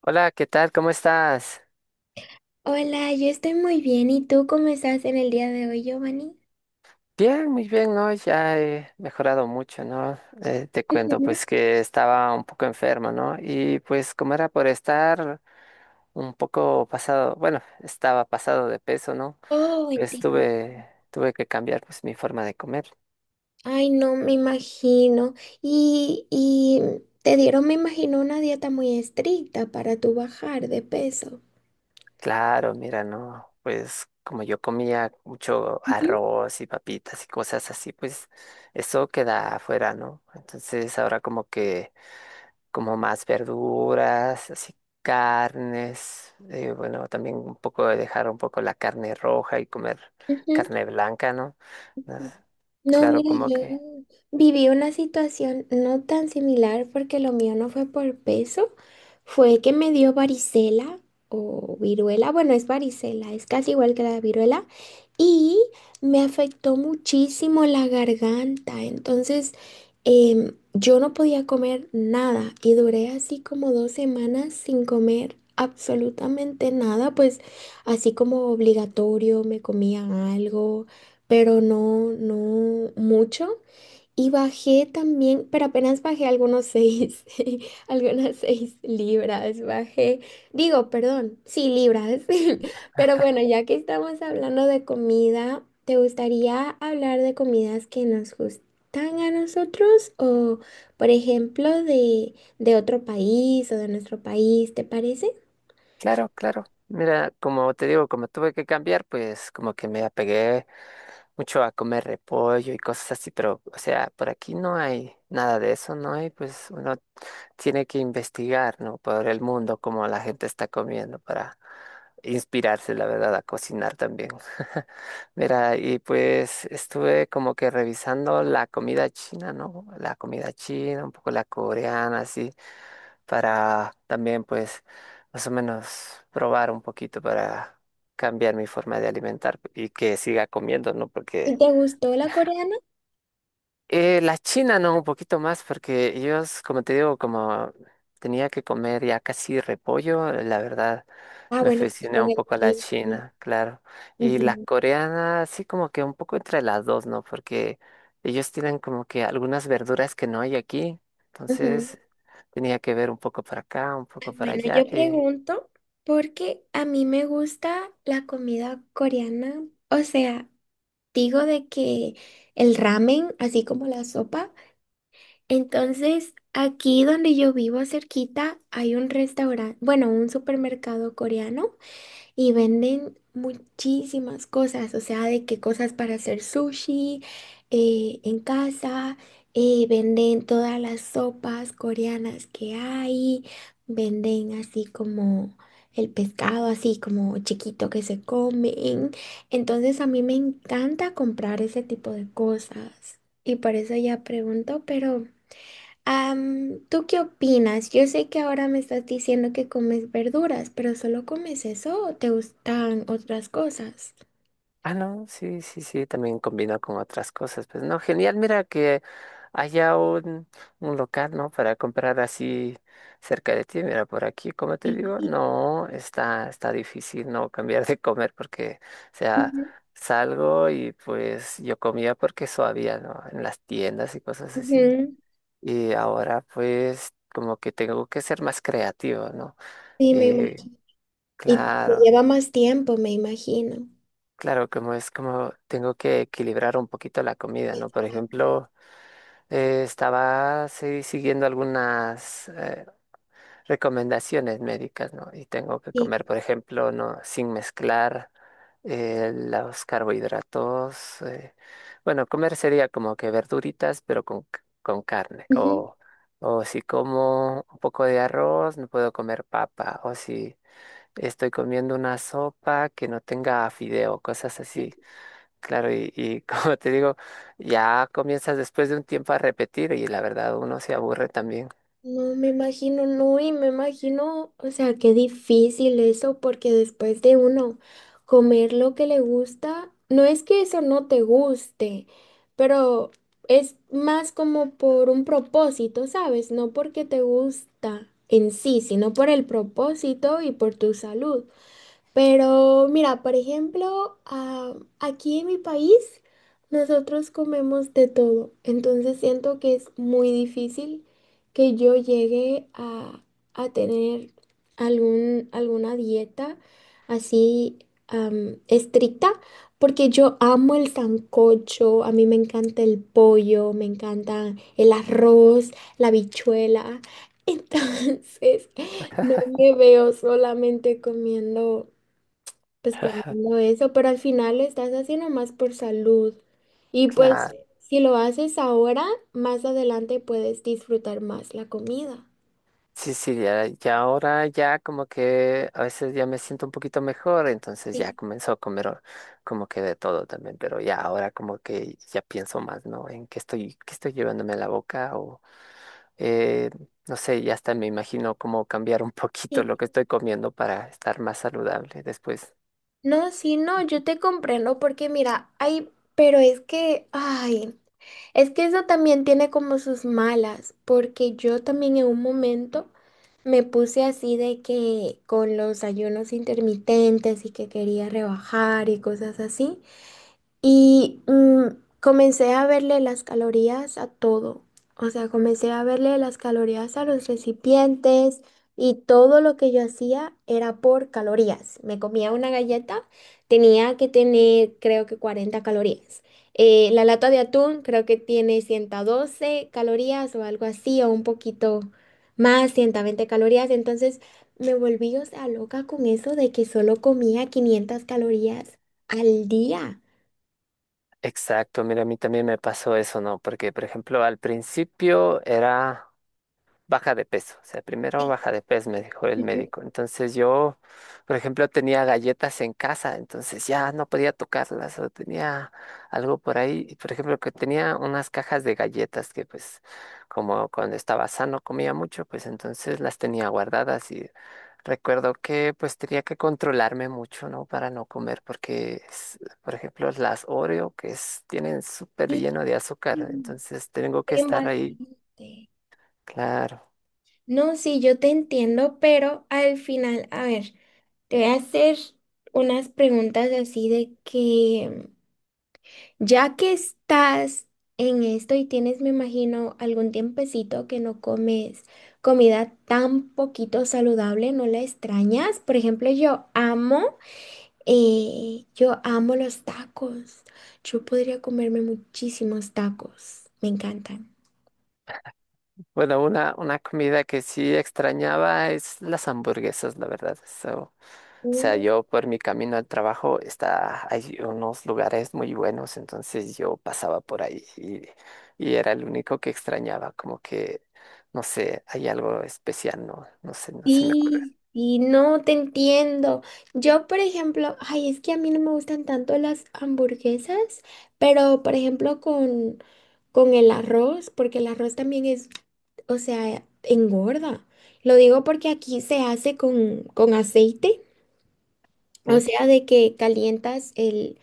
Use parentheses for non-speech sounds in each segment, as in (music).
Hola, ¿qué tal? ¿Cómo estás? Hola, yo estoy muy bien. ¿Y tú cómo estás en el día de hoy, Giovanni? Bien, muy bien, ¿no? Ya he mejorado mucho, ¿no? Te cuento, Ujú. pues que estaba un poco enfermo, ¿no? Y pues como era por estar un poco pasado, bueno, estaba pasado de peso, ¿no? Oh, Pues entiendo. tuve que cambiar pues mi forma de comer. Ay, no, me imagino. Y te dieron, me imagino, una dieta muy estricta para tu bajar de peso. Claro, mira, ¿no? Pues como yo comía mucho Ujú. arroz y papitas y cosas así, pues eso queda afuera, ¿no? Entonces ahora como que como más verduras, así carnes, bueno, también un poco de dejar un poco la carne roja y comer Ujú. carne blanca, ¿no? No, No, claro, mira, como yo que, viví una situación no tan similar porque lo mío no fue por peso, fue que me dio varicela o viruela, bueno, es varicela, es casi igual que la viruela, y me afectó muchísimo la garganta, entonces yo no podía comer nada y duré así como 2 semanas sin comer absolutamente nada, pues así como obligatorio me comía algo pero no mucho. Y bajé también, pero apenas bajé algunos seis, (laughs) algunas 6 libras, bajé, digo, perdón, sí, libras. (laughs) Pero bueno, ya que estamos hablando de comida, ¿te gustaría hablar de comidas que nos gustan a nosotros o, por ejemplo, de otro país o de nuestro país, te parece? claro, claro. Mira, como te digo, como tuve que cambiar, pues como que me apegué mucho a comer repollo y cosas así, pero, o sea, por aquí no hay nada de eso, ¿no? Hay, pues uno tiene que investigar, ¿no? Por el mundo, cómo la gente está comiendo para inspirarse, la verdad, a cocinar también. (laughs) Mira, y pues estuve como que revisando la comida china, ¿no? La comida china, un poco la coreana, así, para también, pues, más o menos probar un poquito para cambiar mi forma de alimentar y que siga comiendo, ¿no? ¿Y Porque te gustó la coreana? La China no, un poquito más, porque ellos, como te digo, como tenía que comer ya casi repollo, la verdad Ah, me bueno, sí, aficioné con un el poco a la kimchi. China, claro. Y la Ujú, coreana, sí, como que un poco entre las dos, ¿no? Porque ellos tienen como que algunas verduras que no hay aquí, ujú. entonces tenía que ver un poco para acá, un poco para Bueno, yo allá. Pregunto porque a mí me gusta la comida coreana. O sea, digo de que el ramen, así como la sopa. Entonces, aquí donde yo vivo cerquita hay un restaurante, bueno, un supermercado coreano y venden muchísimas cosas, o sea, de qué cosas para hacer sushi en casa, venden todas las sopas coreanas que hay, venden así como el pescado, así como chiquito que se comen. Entonces a mí me encanta comprar ese tipo de cosas y por eso ya pregunto, pero... ¿tú qué opinas? Yo sé que ahora me estás diciendo que comes verduras, pero ¿solo comes eso o te gustan otras cosas? Ah, no, sí, sí, sí, también combinó con otras cosas. Pues no, genial, mira que haya un local, ¿no? Para comprar así cerca de ti. Mira, por aquí, como te digo, Sí. no, está difícil, ¿no? Cambiar de comer porque, o sea, Ujú. salgo y pues yo comía porque eso había, ¿no? En las tiendas y cosas así. Ujú. Y ahora pues como que tengo que ser más creativo, ¿no? Sí, me Y imagino. Y te claro. lleva más tiempo, me imagino. Claro, como es, como tengo que equilibrar un poquito la comida, ¿no? Por Exacto. ejemplo, estaba sí, siguiendo algunas recomendaciones médicas, ¿no? Y tengo que comer, Sí. por ejemplo, ¿no? Sin mezclar los carbohidratos. Bueno, comer sería como que verduritas, pero con, con carne. Ujú. O si como un poco de arroz, no puedo comer papa. O si estoy comiendo una sopa que no tenga fideo, cosas así. Claro, y (laughs) como te digo, ya comienzas después de un tiempo a repetir y la verdad uno se aburre también. No me imagino, no, y me imagino, o sea, qué difícil eso, porque después de uno comer lo que le gusta, no es que eso no te guste, pero es más como por un propósito, ¿sabes? No porque te gusta en sí, sino por el propósito y por tu salud. Pero mira, por ejemplo, ah, aquí en mi país nosotros comemos de todo, entonces siento que es muy difícil que yo llegue a tener algún, alguna dieta así estricta, porque yo amo el sancocho, a mí me encanta el pollo, me encanta el arroz, la habichuela, (laughs) entonces no me veo solamente comiendo pues comiendo eso, pero al final lo estás haciendo más por salud. Y pues Claro, si lo haces ahora, más adelante puedes disfrutar más la comida. sí, sí, ya, ya ahora ya como que a veces ya me siento un poquito mejor, entonces ya Sí, comenzó a comer como que de todo también, pero ya ahora como que ya pienso más, ¿no? En qué estoy llevándome a la boca o eh, no sé, ya hasta me imagino cómo cambiar un poquito sí. lo que estoy comiendo para estar más saludable después. No, sí, no, yo te comprendo porque mira, ay, pero es que, ay, es que eso también tiene como sus malas, porque yo también en un momento me puse así de que con los ayunos intermitentes y que quería rebajar y cosas así. Y comencé a verle las calorías a todo. O sea, comencé a verle las calorías a los recipientes y todo lo que yo hacía era por calorías. Me comía una galleta, tenía que tener creo que 40 calorías. La lata de atún creo que tiene 112 calorías o algo así, o un poquito más, 120 calorías. Entonces me volví, o sea, loca con eso de que solo comía 500 calorías al día. Exacto, mira, a mí también me pasó eso, ¿no? Porque, por ejemplo, al principio era baja de peso, o sea, primero baja de peso, me dijo el Ujú. médico. Entonces yo, por ejemplo, tenía galletas en casa, entonces ya no podía tocarlas o tenía algo por ahí, y, por ejemplo, que tenía unas cajas de galletas que pues como cuando estaba sano comía mucho, pues entonces las tenía guardadas y recuerdo que pues tenía que controlarme mucho, ¿no? Para no comer porque, por ejemplo, las Oreo que tienen súper Sí, lleno de azúcar, entonces tengo que bien estar ahí. bastante. Claro. No, sí, yo te entiendo, pero al final, a ver, te voy a hacer unas preguntas así de que, ya que estás en esto y tienes, me imagino, algún tiempecito que no comes comida tan poquito saludable, ¿no la extrañas? Por ejemplo, yo amo los tacos. Yo podría comerme muchísimos tacos. Me encantan. Bueno, una comida que sí extrañaba es las hamburguesas, la verdad. So, o sea, yo por mi camino al trabajo está, hay unos lugares muy buenos, entonces yo pasaba por ahí y era el único que extrañaba, como que, no sé, hay algo especial, no, no sé, no se me ocurre. Sí, y no te entiendo. Yo, por ejemplo, ay, es que a mí no me gustan tanto las hamburguesas, pero por ejemplo con el arroz, porque el arroz también es, o sea, engorda. Lo digo porque aquí se hace con aceite, ¿Mm? o sea, de que calientas el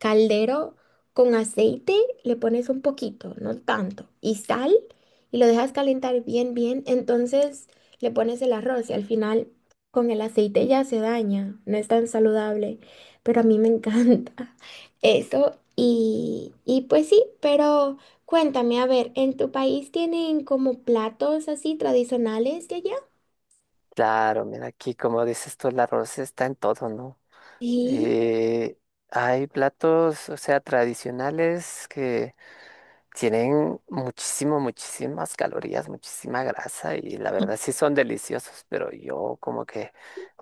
caldero con aceite, le pones un poquito, no tanto, y sal y lo dejas calentar bien, bien. Entonces le pones el arroz y al final con el aceite ya se daña, no es tan saludable, pero a mí me encanta (laughs) eso. Y pues sí, pero cuéntame, a ver, ¿en tu país tienen como platos así tradicionales de allá? Claro, mira, aquí como dices tú, el arroz está en todo, ¿no? Sí, Eh, Hay platos, o sea, tradicionales que tienen muchísimo, muchísimas calorías, muchísima grasa y la verdad sí son deliciosos, pero yo como que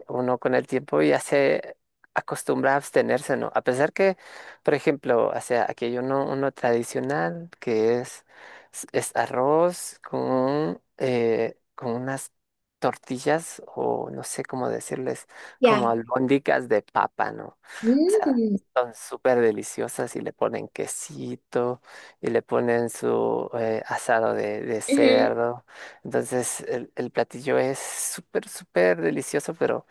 uno con el tiempo ya se acostumbra a abstenerse, ¿no? A pesar que, por ejemplo, o sea, aquí hay uno, uno tradicional que es, es arroz con unas tortillas o no sé cómo decirles, como ya. albóndigas de papa, ¿no? O sea, Mm, son súper deliciosas y le ponen quesito y le ponen su asado de ujú, cerdo. Entonces, el platillo es súper, súper delicioso, pero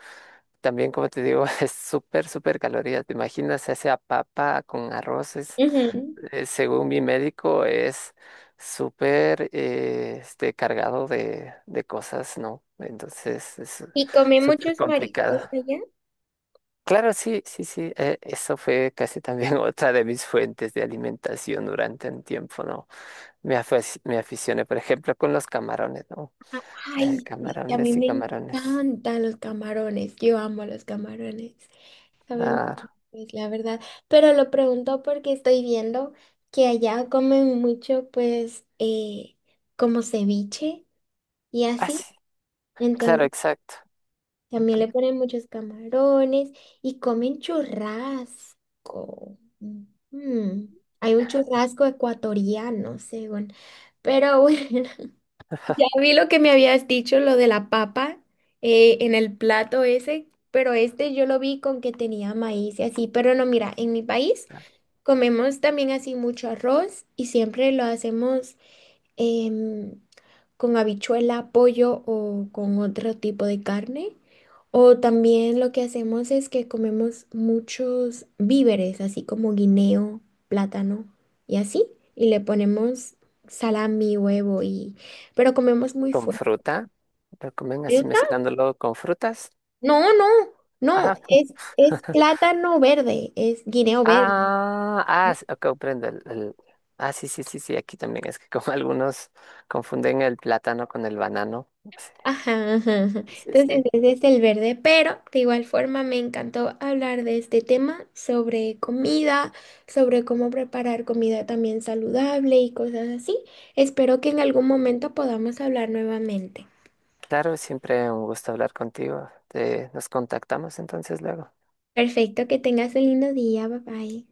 también, como te digo, (laughs) es súper, súper calorías. ¿Te imaginas esa papa con arroces? ujú. Según mi médico, es súper este, cargado de cosas, ¿no? Entonces, es Y comí súper muchos complicado. mariscos allá. Claro, sí, sí, sí. Eso fue casi también (laughs) otra de mis fuentes de alimentación durante un tiempo, ¿no? Me, me aficioné, por ejemplo, con los camarones, ¿no? Ay, sí, a mí Camarones y me camarones. encantan los camarones, yo amo los camarones, saben, Claro. pues la verdad, pero lo pregunto porque estoy viendo que allá comen mucho, pues, como ceviche y Ah, así, sí, claro, entonces exacto. también le ponen muchos camarones y comen churrasco. Mm, hay un churrasco ecuatoriano, según, pero bueno, (laughs) ya vi lo que me habías dicho, lo de la papa en el plato ese, pero este yo lo vi con que tenía maíz y así, pero no, mira, en mi país comemos también así mucho arroz y siempre lo hacemos em, con habichuela, pollo o con otro tipo de carne. O también lo que hacemos es que comemos muchos víveres, así como guineo, plátano y así, y le ponemos salami, huevo y... pero comemos muy Con fuerte. fruta. Lo comen así ¿Fruta? mezclándolo con frutas. No, no, no, Ajá. (laughs) pu- es plátano verde, es guineo verde. Ah, ah, ok, comprendo. Ah, sí, sí, sí, sí, aquí también es que como (laughs) algunos confunden el plátano con el banano. Ajá, ajá, ajá. Sí, sí, Entonces, sí. ese es el verde, pero de igual forma me encantó hablar de este tema sobre comida, sobre cómo preparar comida también saludable y cosas así. Espero que en algún momento podamos hablar nuevamente. Claro, siempre un gusto hablar contigo. Te, nos contactamos entonces luego. Perfecto, que tengas un lindo día, bye bye.